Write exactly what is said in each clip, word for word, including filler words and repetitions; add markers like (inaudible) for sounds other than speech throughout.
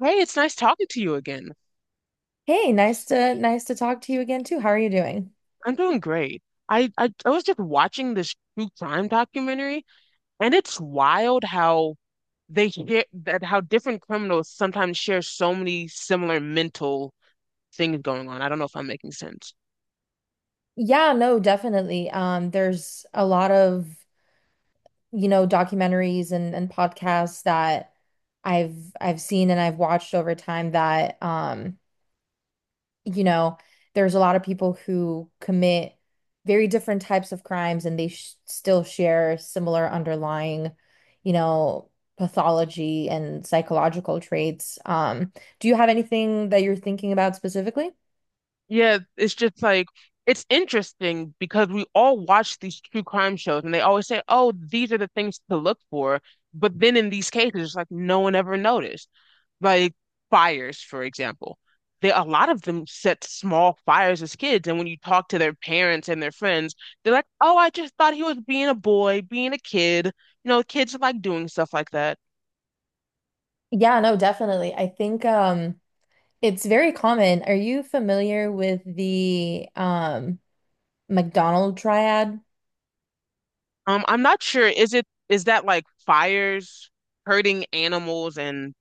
Hey, it's nice talking to you again. Hey, nice to nice to talk to you again too. How are you doing? I'm doing great. I, I I was just watching this true crime documentary, and it's wild how they share that how different criminals sometimes share so many similar mental things going on. I don't know if I'm making sense. Yeah, no, definitely. Um, there's a lot of, you know, documentaries and and podcasts that I've I've seen and I've watched over time that um, you know, there's a lot of people who commit very different types of crimes and they sh still share similar underlying, you know, pathology and psychological traits. Um, do you have anything that you're thinking about specifically? Yeah, it's just like it's interesting because we all watch these true crime shows and they always say, "Oh, these are the things to look for." But then in these cases, it's like no one ever noticed. Like fires, for example. They a lot of them set small fires as kids, and when you talk to their parents and their friends, they're like, "Oh, I just thought he was being a boy, being a kid." You know, kids like doing stuff like that. Yeah, no, definitely. I think um it's very common. Are you familiar with the um McDonald triad? Um, I'm not sure. Is it is that like fires, hurting animals, and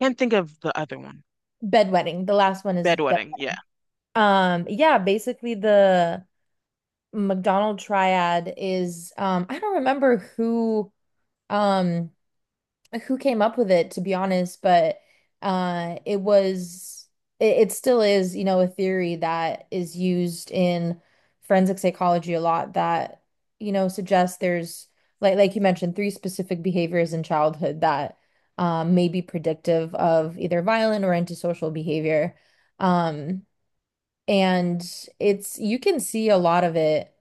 can't think of the other one. Bedwetting. The last one is bed. Bedwetting, yeah. Um yeah, basically the McDonald triad is um I don't remember who um who came up with it, to be honest, but uh, it was, it, it still is, you know, a theory that is used in forensic psychology a lot that, you know, suggests there's, like, like you mentioned, three specific behaviors in childhood that um, may be predictive of either violent or antisocial behavior. Um, and it's you can see a lot of it,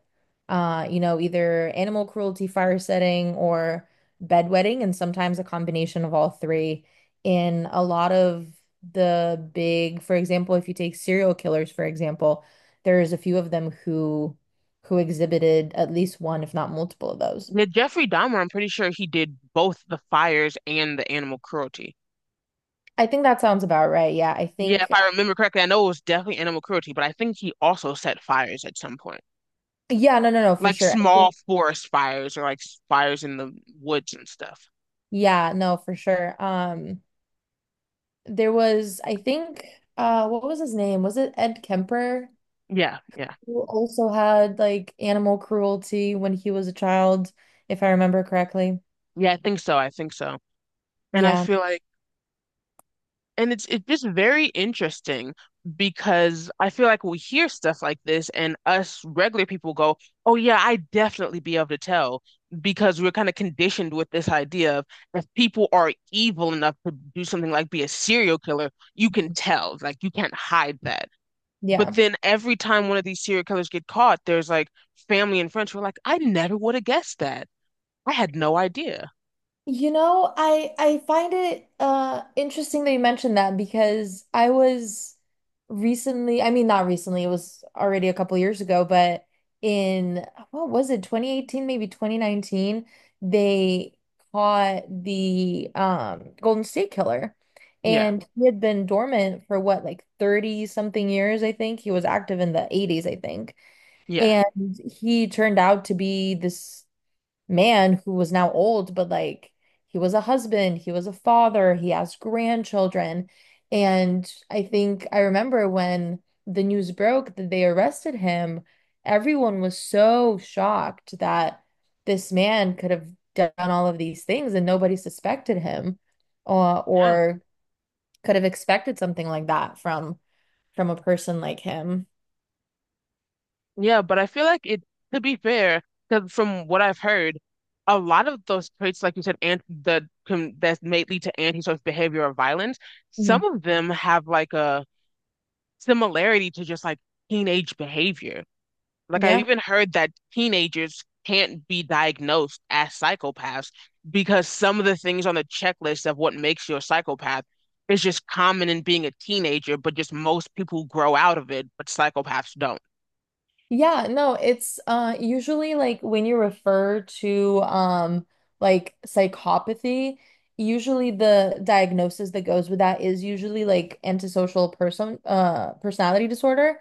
uh, you know, either animal cruelty, fire setting, or bedwetting, and sometimes a combination of all three in a lot of the big, for example, if you take serial killers, for example, there's a few of them who who exhibited at least one, if not multiple of those. Yeah, Jeffrey Dahmer, I'm pretty sure he did both the fires and the animal cruelty. I think that sounds about right. Yeah, I Yeah, if think. I remember correctly, I know it was definitely animal cruelty, but I think he also set fires at some point. Yeah, no, no, no, for Like sure. I small think. forest fires or like s- fires in the woods and stuff. Yeah, no, for sure. Um There was, I think, uh, what was his name? Was it Ed Kemper, Yeah, yeah. who also had like animal cruelty when he was a child, if I remember correctly? Yeah, I think so. I think so. And I Yeah, feel like, and it's it's just very interesting because I feel like we hear stuff like this and us regular people go, "Oh yeah, I definitely be able to tell," because we're kind of conditioned with this idea of if people are evil enough to do something like be a serial killer, you can tell, like you can't hide that. But yeah. then every time one of these serial killers get caught, there's like family and friends who are like, "I never would have guessed that. I had no idea." You know, I I find it uh interesting that you mentioned that because I was recently, I mean not recently, it was already a couple years ago, but in what was it, twenty eighteen, maybe twenty nineteen, they caught the um Golden State Killer. Yeah. And he had been dormant for what, like thirty something years, I think. He was active in the eighties, I think. Yeah. And he turned out to be this man who was now old, but like he was a husband, he was a father, he has grandchildren. And I think I remember when the news broke that they arrested him, everyone was so shocked that this man could have done all of these things and nobody suspected him or, Yeah. or could have expected something like that from from a person like him. Yeah, but I feel like it, to be fair, 'cause from what I've heard, a lot of those traits, like you said, and the com that may lead to antisocial behavior or violence, some Mhm. of them have like a similarity to just like teenage behavior. Like I've Yeah. even heard that teenagers can't be diagnosed as psychopaths because some of the things on the checklist of what makes you a psychopath is just common in being a teenager, but just most people grow out of it, but psychopaths don't. Yeah, no, it's uh usually like when you refer to um like psychopathy, usually the diagnosis that goes with that is usually like antisocial person uh personality disorder.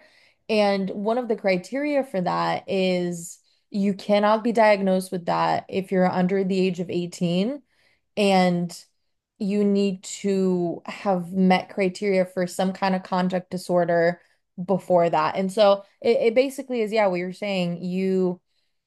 And one of the criteria for that is you cannot be diagnosed with that if you're under the age of eighteen and you need to have met criteria for some kind of conduct disorder before that. And so it, it basically is, yeah, what you're saying. You,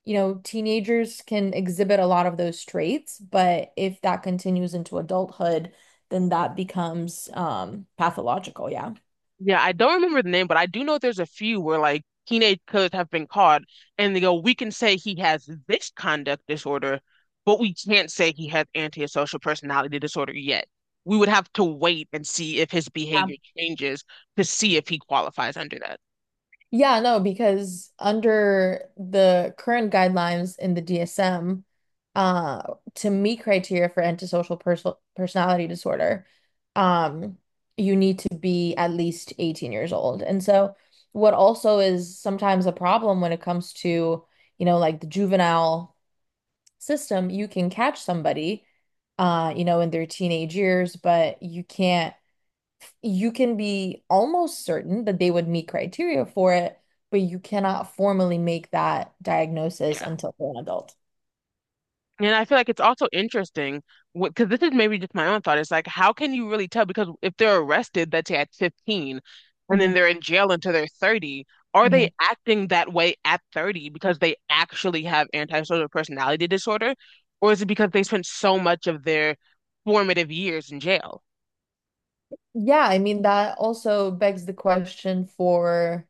you know, teenagers can exhibit a lot of those traits, but if that continues into adulthood, then that becomes um pathological. Yeah. Yeah, I don't remember the name, but I do know there's a few where like teenage killers have been caught and they go, we can say he has this conduct disorder, but we can't say he has antisocial personality disorder yet. We would have to wait and see if his behavior changes to see if he qualifies under that. Yeah, no, because under the current guidelines in the D S M, uh, to meet criteria for antisocial perso personality disorder, um, you need to be at least eighteen years old. And so, what also is sometimes a problem when it comes to, you know, like the juvenile system, you can catch somebody, uh, you know, in their teenage years, but you can't you can be almost certain that they would meet criteria for it, but you cannot formally make that Yeah. diagnosis until they're an adult. And I feel like it's also interesting because this is maybe just my own thought. It's like, how can you really tell? Because if they're arrested, let's say at fifteen, and then Mhm, they're in jail until they're thirty, are they mhm. acting that way at thirty because they actually have antisocial personality disorder? Or is it because they spent so much of their formative years in jail? Yeah, I mean, that also begs the question for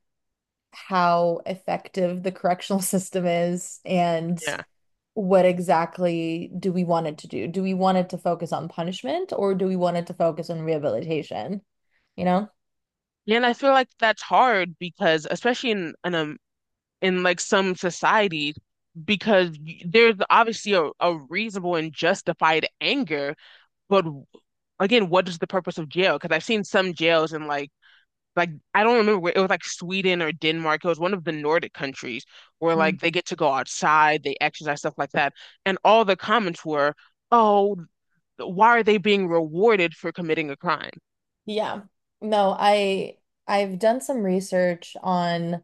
how effective the correctional (laughs) system is and Yeah. what exactly do we want it to do? Do we want it to focus on punishment or do we want it to focus on rehabilitation? You know? Yeah, and I feel like that's hard because, especially in, in, um, in like some societies, because y- there's obviously a, a reasonable and justified anger. But again, what is the purpose of jail? Because I've seen some jails in like like I don't remember where it was, like Sweden or Denmark. It was one of the Nordic countries where Mm. like they get to go outside, they exercise, stuff like that. And all the comments were, "Oh, why are they being rewarded for committing a crime?" Yeah. No, I I've done some research on,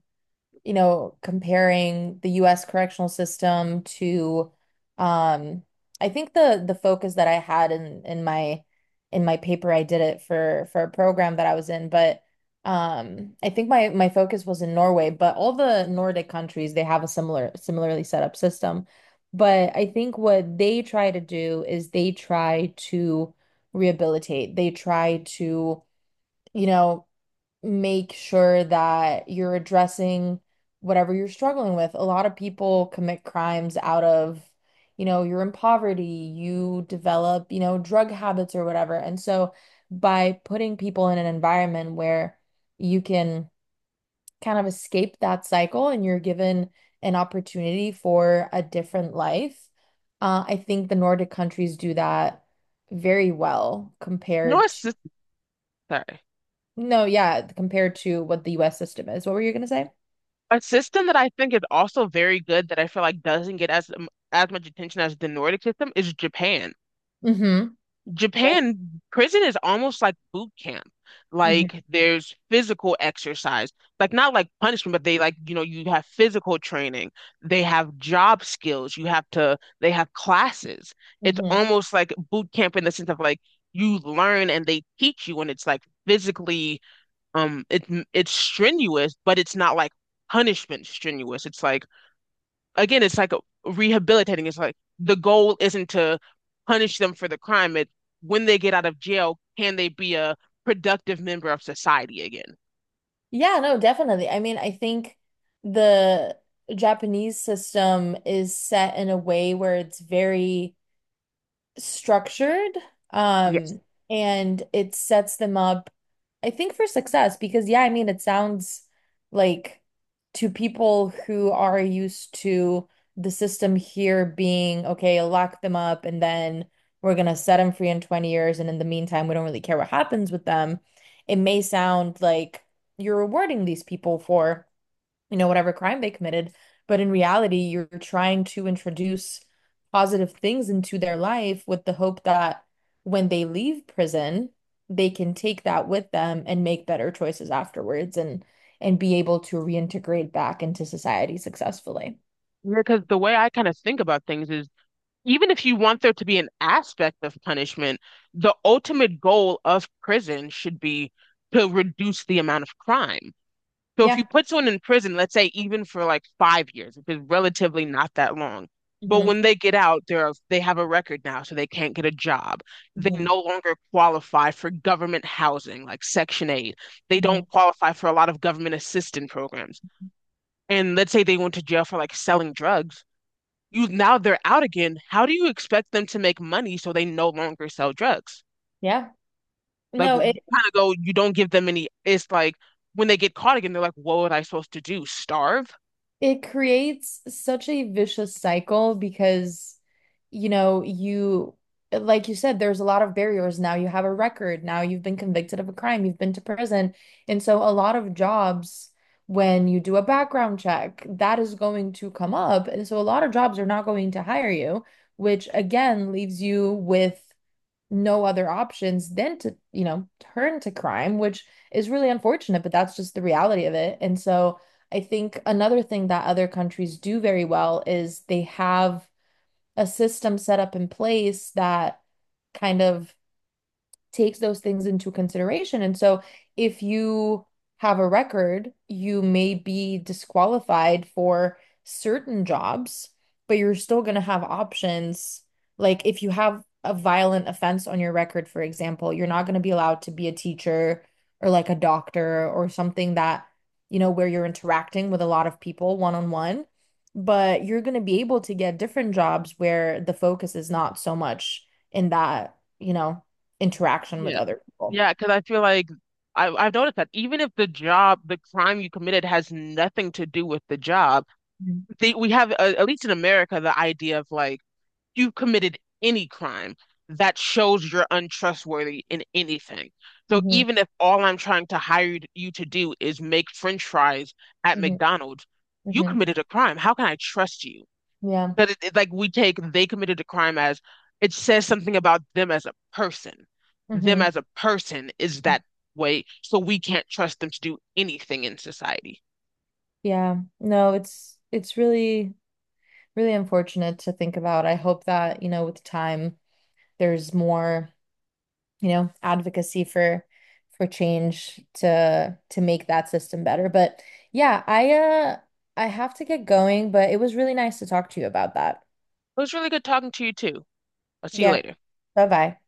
you know, comparing the U S correctional system to um I think the the focus that I had in in my in my paper. I did it for for a program that I was in, but um I think my my focus was in Norway, but all the Nordic countries they have a similar similarly set up system. But I think what they try to do is they try to rehabilitate. They try to, you know, make sure that you're addressing whatever you're struggling with. A lot of people commit crimes out of, you know, you're in poverty, you develop, you know, drug habits or whatever. And so by putting people in an environment where you can kind of escape that cycle and you're given an opportunity for a different life, uh, I think the Nordic countries do that very well You know, a compared. sys- sorry, No, yeah, compared to what the U S system is. What were you gonna say? a system that I think is also very good that I feel like doesn't get as as much attention as the Nordic system is Japan. Mm-hmm. Yeah. Japan prison is almost like boot camp. Hmm. Like there's physical exercise, like not like punishment, but they like, you know, you have physical training, they have job skills, you have to, they have classes. It's Hmm. almost like boot camp in the sense of like you learn and they teach you, and it's like physically, um, it, it's strenuous, but it's not like punishment strenuous. It's like, again, it's like rehabilitating. It's like the goal isn't to punish them for the crime. It, when they get out of jail, can they be a productive member of society again? Yeah, no, definitely. I mean, I think the Japanese system is set in a way where it's very structured Yes. um and it sets them up I think for success because yeah I mean it sounds like to people who are used to the system here being okay, lock them up and then we're gonna set them free in twenty years and in the meantime we don't really care what happens with them, it may sound like you're rewarding these people for, you know, whatever crime they committed. But in reality, you're trying to introduce positive things into their life with the hope that when they leave prison, they can take that with them and make better choices afterwards and and be able to reintegrate back into society successfully. Because the way I kind of think about things is even if you want there to be an aspect of punishment, the ultimate goal of prison should be to reduce the amount of crime. So if Yeah. you put someone in prison, let's say even for like five years, which is relatively not that long, but Hmm. when they get out, they're, they have a record now, so they can't get a job. They Hmm. no longer qualify for government housing, like Section eight. They Hmm. don't qualify for a lot of government assistance programs. And let's say they went to jail for like selling drugs. You now they're out again. How do you expect them to make money so they no longer sell drugs? Yeah. Like No, kind it of go, you don't give them any. It's like when they get caught again, they're like, what was I supposed to do? Starve? It creates such a vicious cycle because, you know, you, like you said, there's a lot of barriers. Now you have a record. Now you've been convicted of a crime. You've been to prison. And so a lot of jobs, when you do a background check, that is going to come up. And so a lot of jobs are not going to hire you, which again leaves you with no other options than to, you know, turn to crime, which is really unfortunate, but that's just the reality of it. And so I think another thing that other countries do very well is they have a system set up in place that kind of takes those things into consideration. And so if you have a record, you may be disqualified for certain jobs, but you're still going to have options. Like if you have a violent offense on your record, for example, you're not going to be allowed to be a teacher or like a doctor or something that, you know, where you're interacting with a lot of people one on one. But you're going to be able to get different jobs where the focus is not so much in that, you know, interaction with Yeah. other people. Yeah, because I feel like I, I've noticed that even if the job, the crime you committed has nothing to do with the job, they, we have, uh, at least in America, the idea of like you committed any crime that shows you're untrustworthy in anything. So Mm-hmm. even if all I'm trying to hire you you to do is make French fries at Mm-hmm. McDonald's, you Mm-hmm. committed a crime. How can I trust you? Yeah. But it, it- like we take they committed a crime as it says something about them as a person. Them Mm-hmm. as a person is that way, so we can't trust them to do anything in society. Yeah. No, it's it's really really unfortunate to think about. I hope that, you know, with time there's more, you know, advocacy for for change to to make that system better. But yeah, I uh I have to get going, but it was really nice to talk to you about that. It was really good talking to you too. I'll see you Yeah. later. Bye-bye.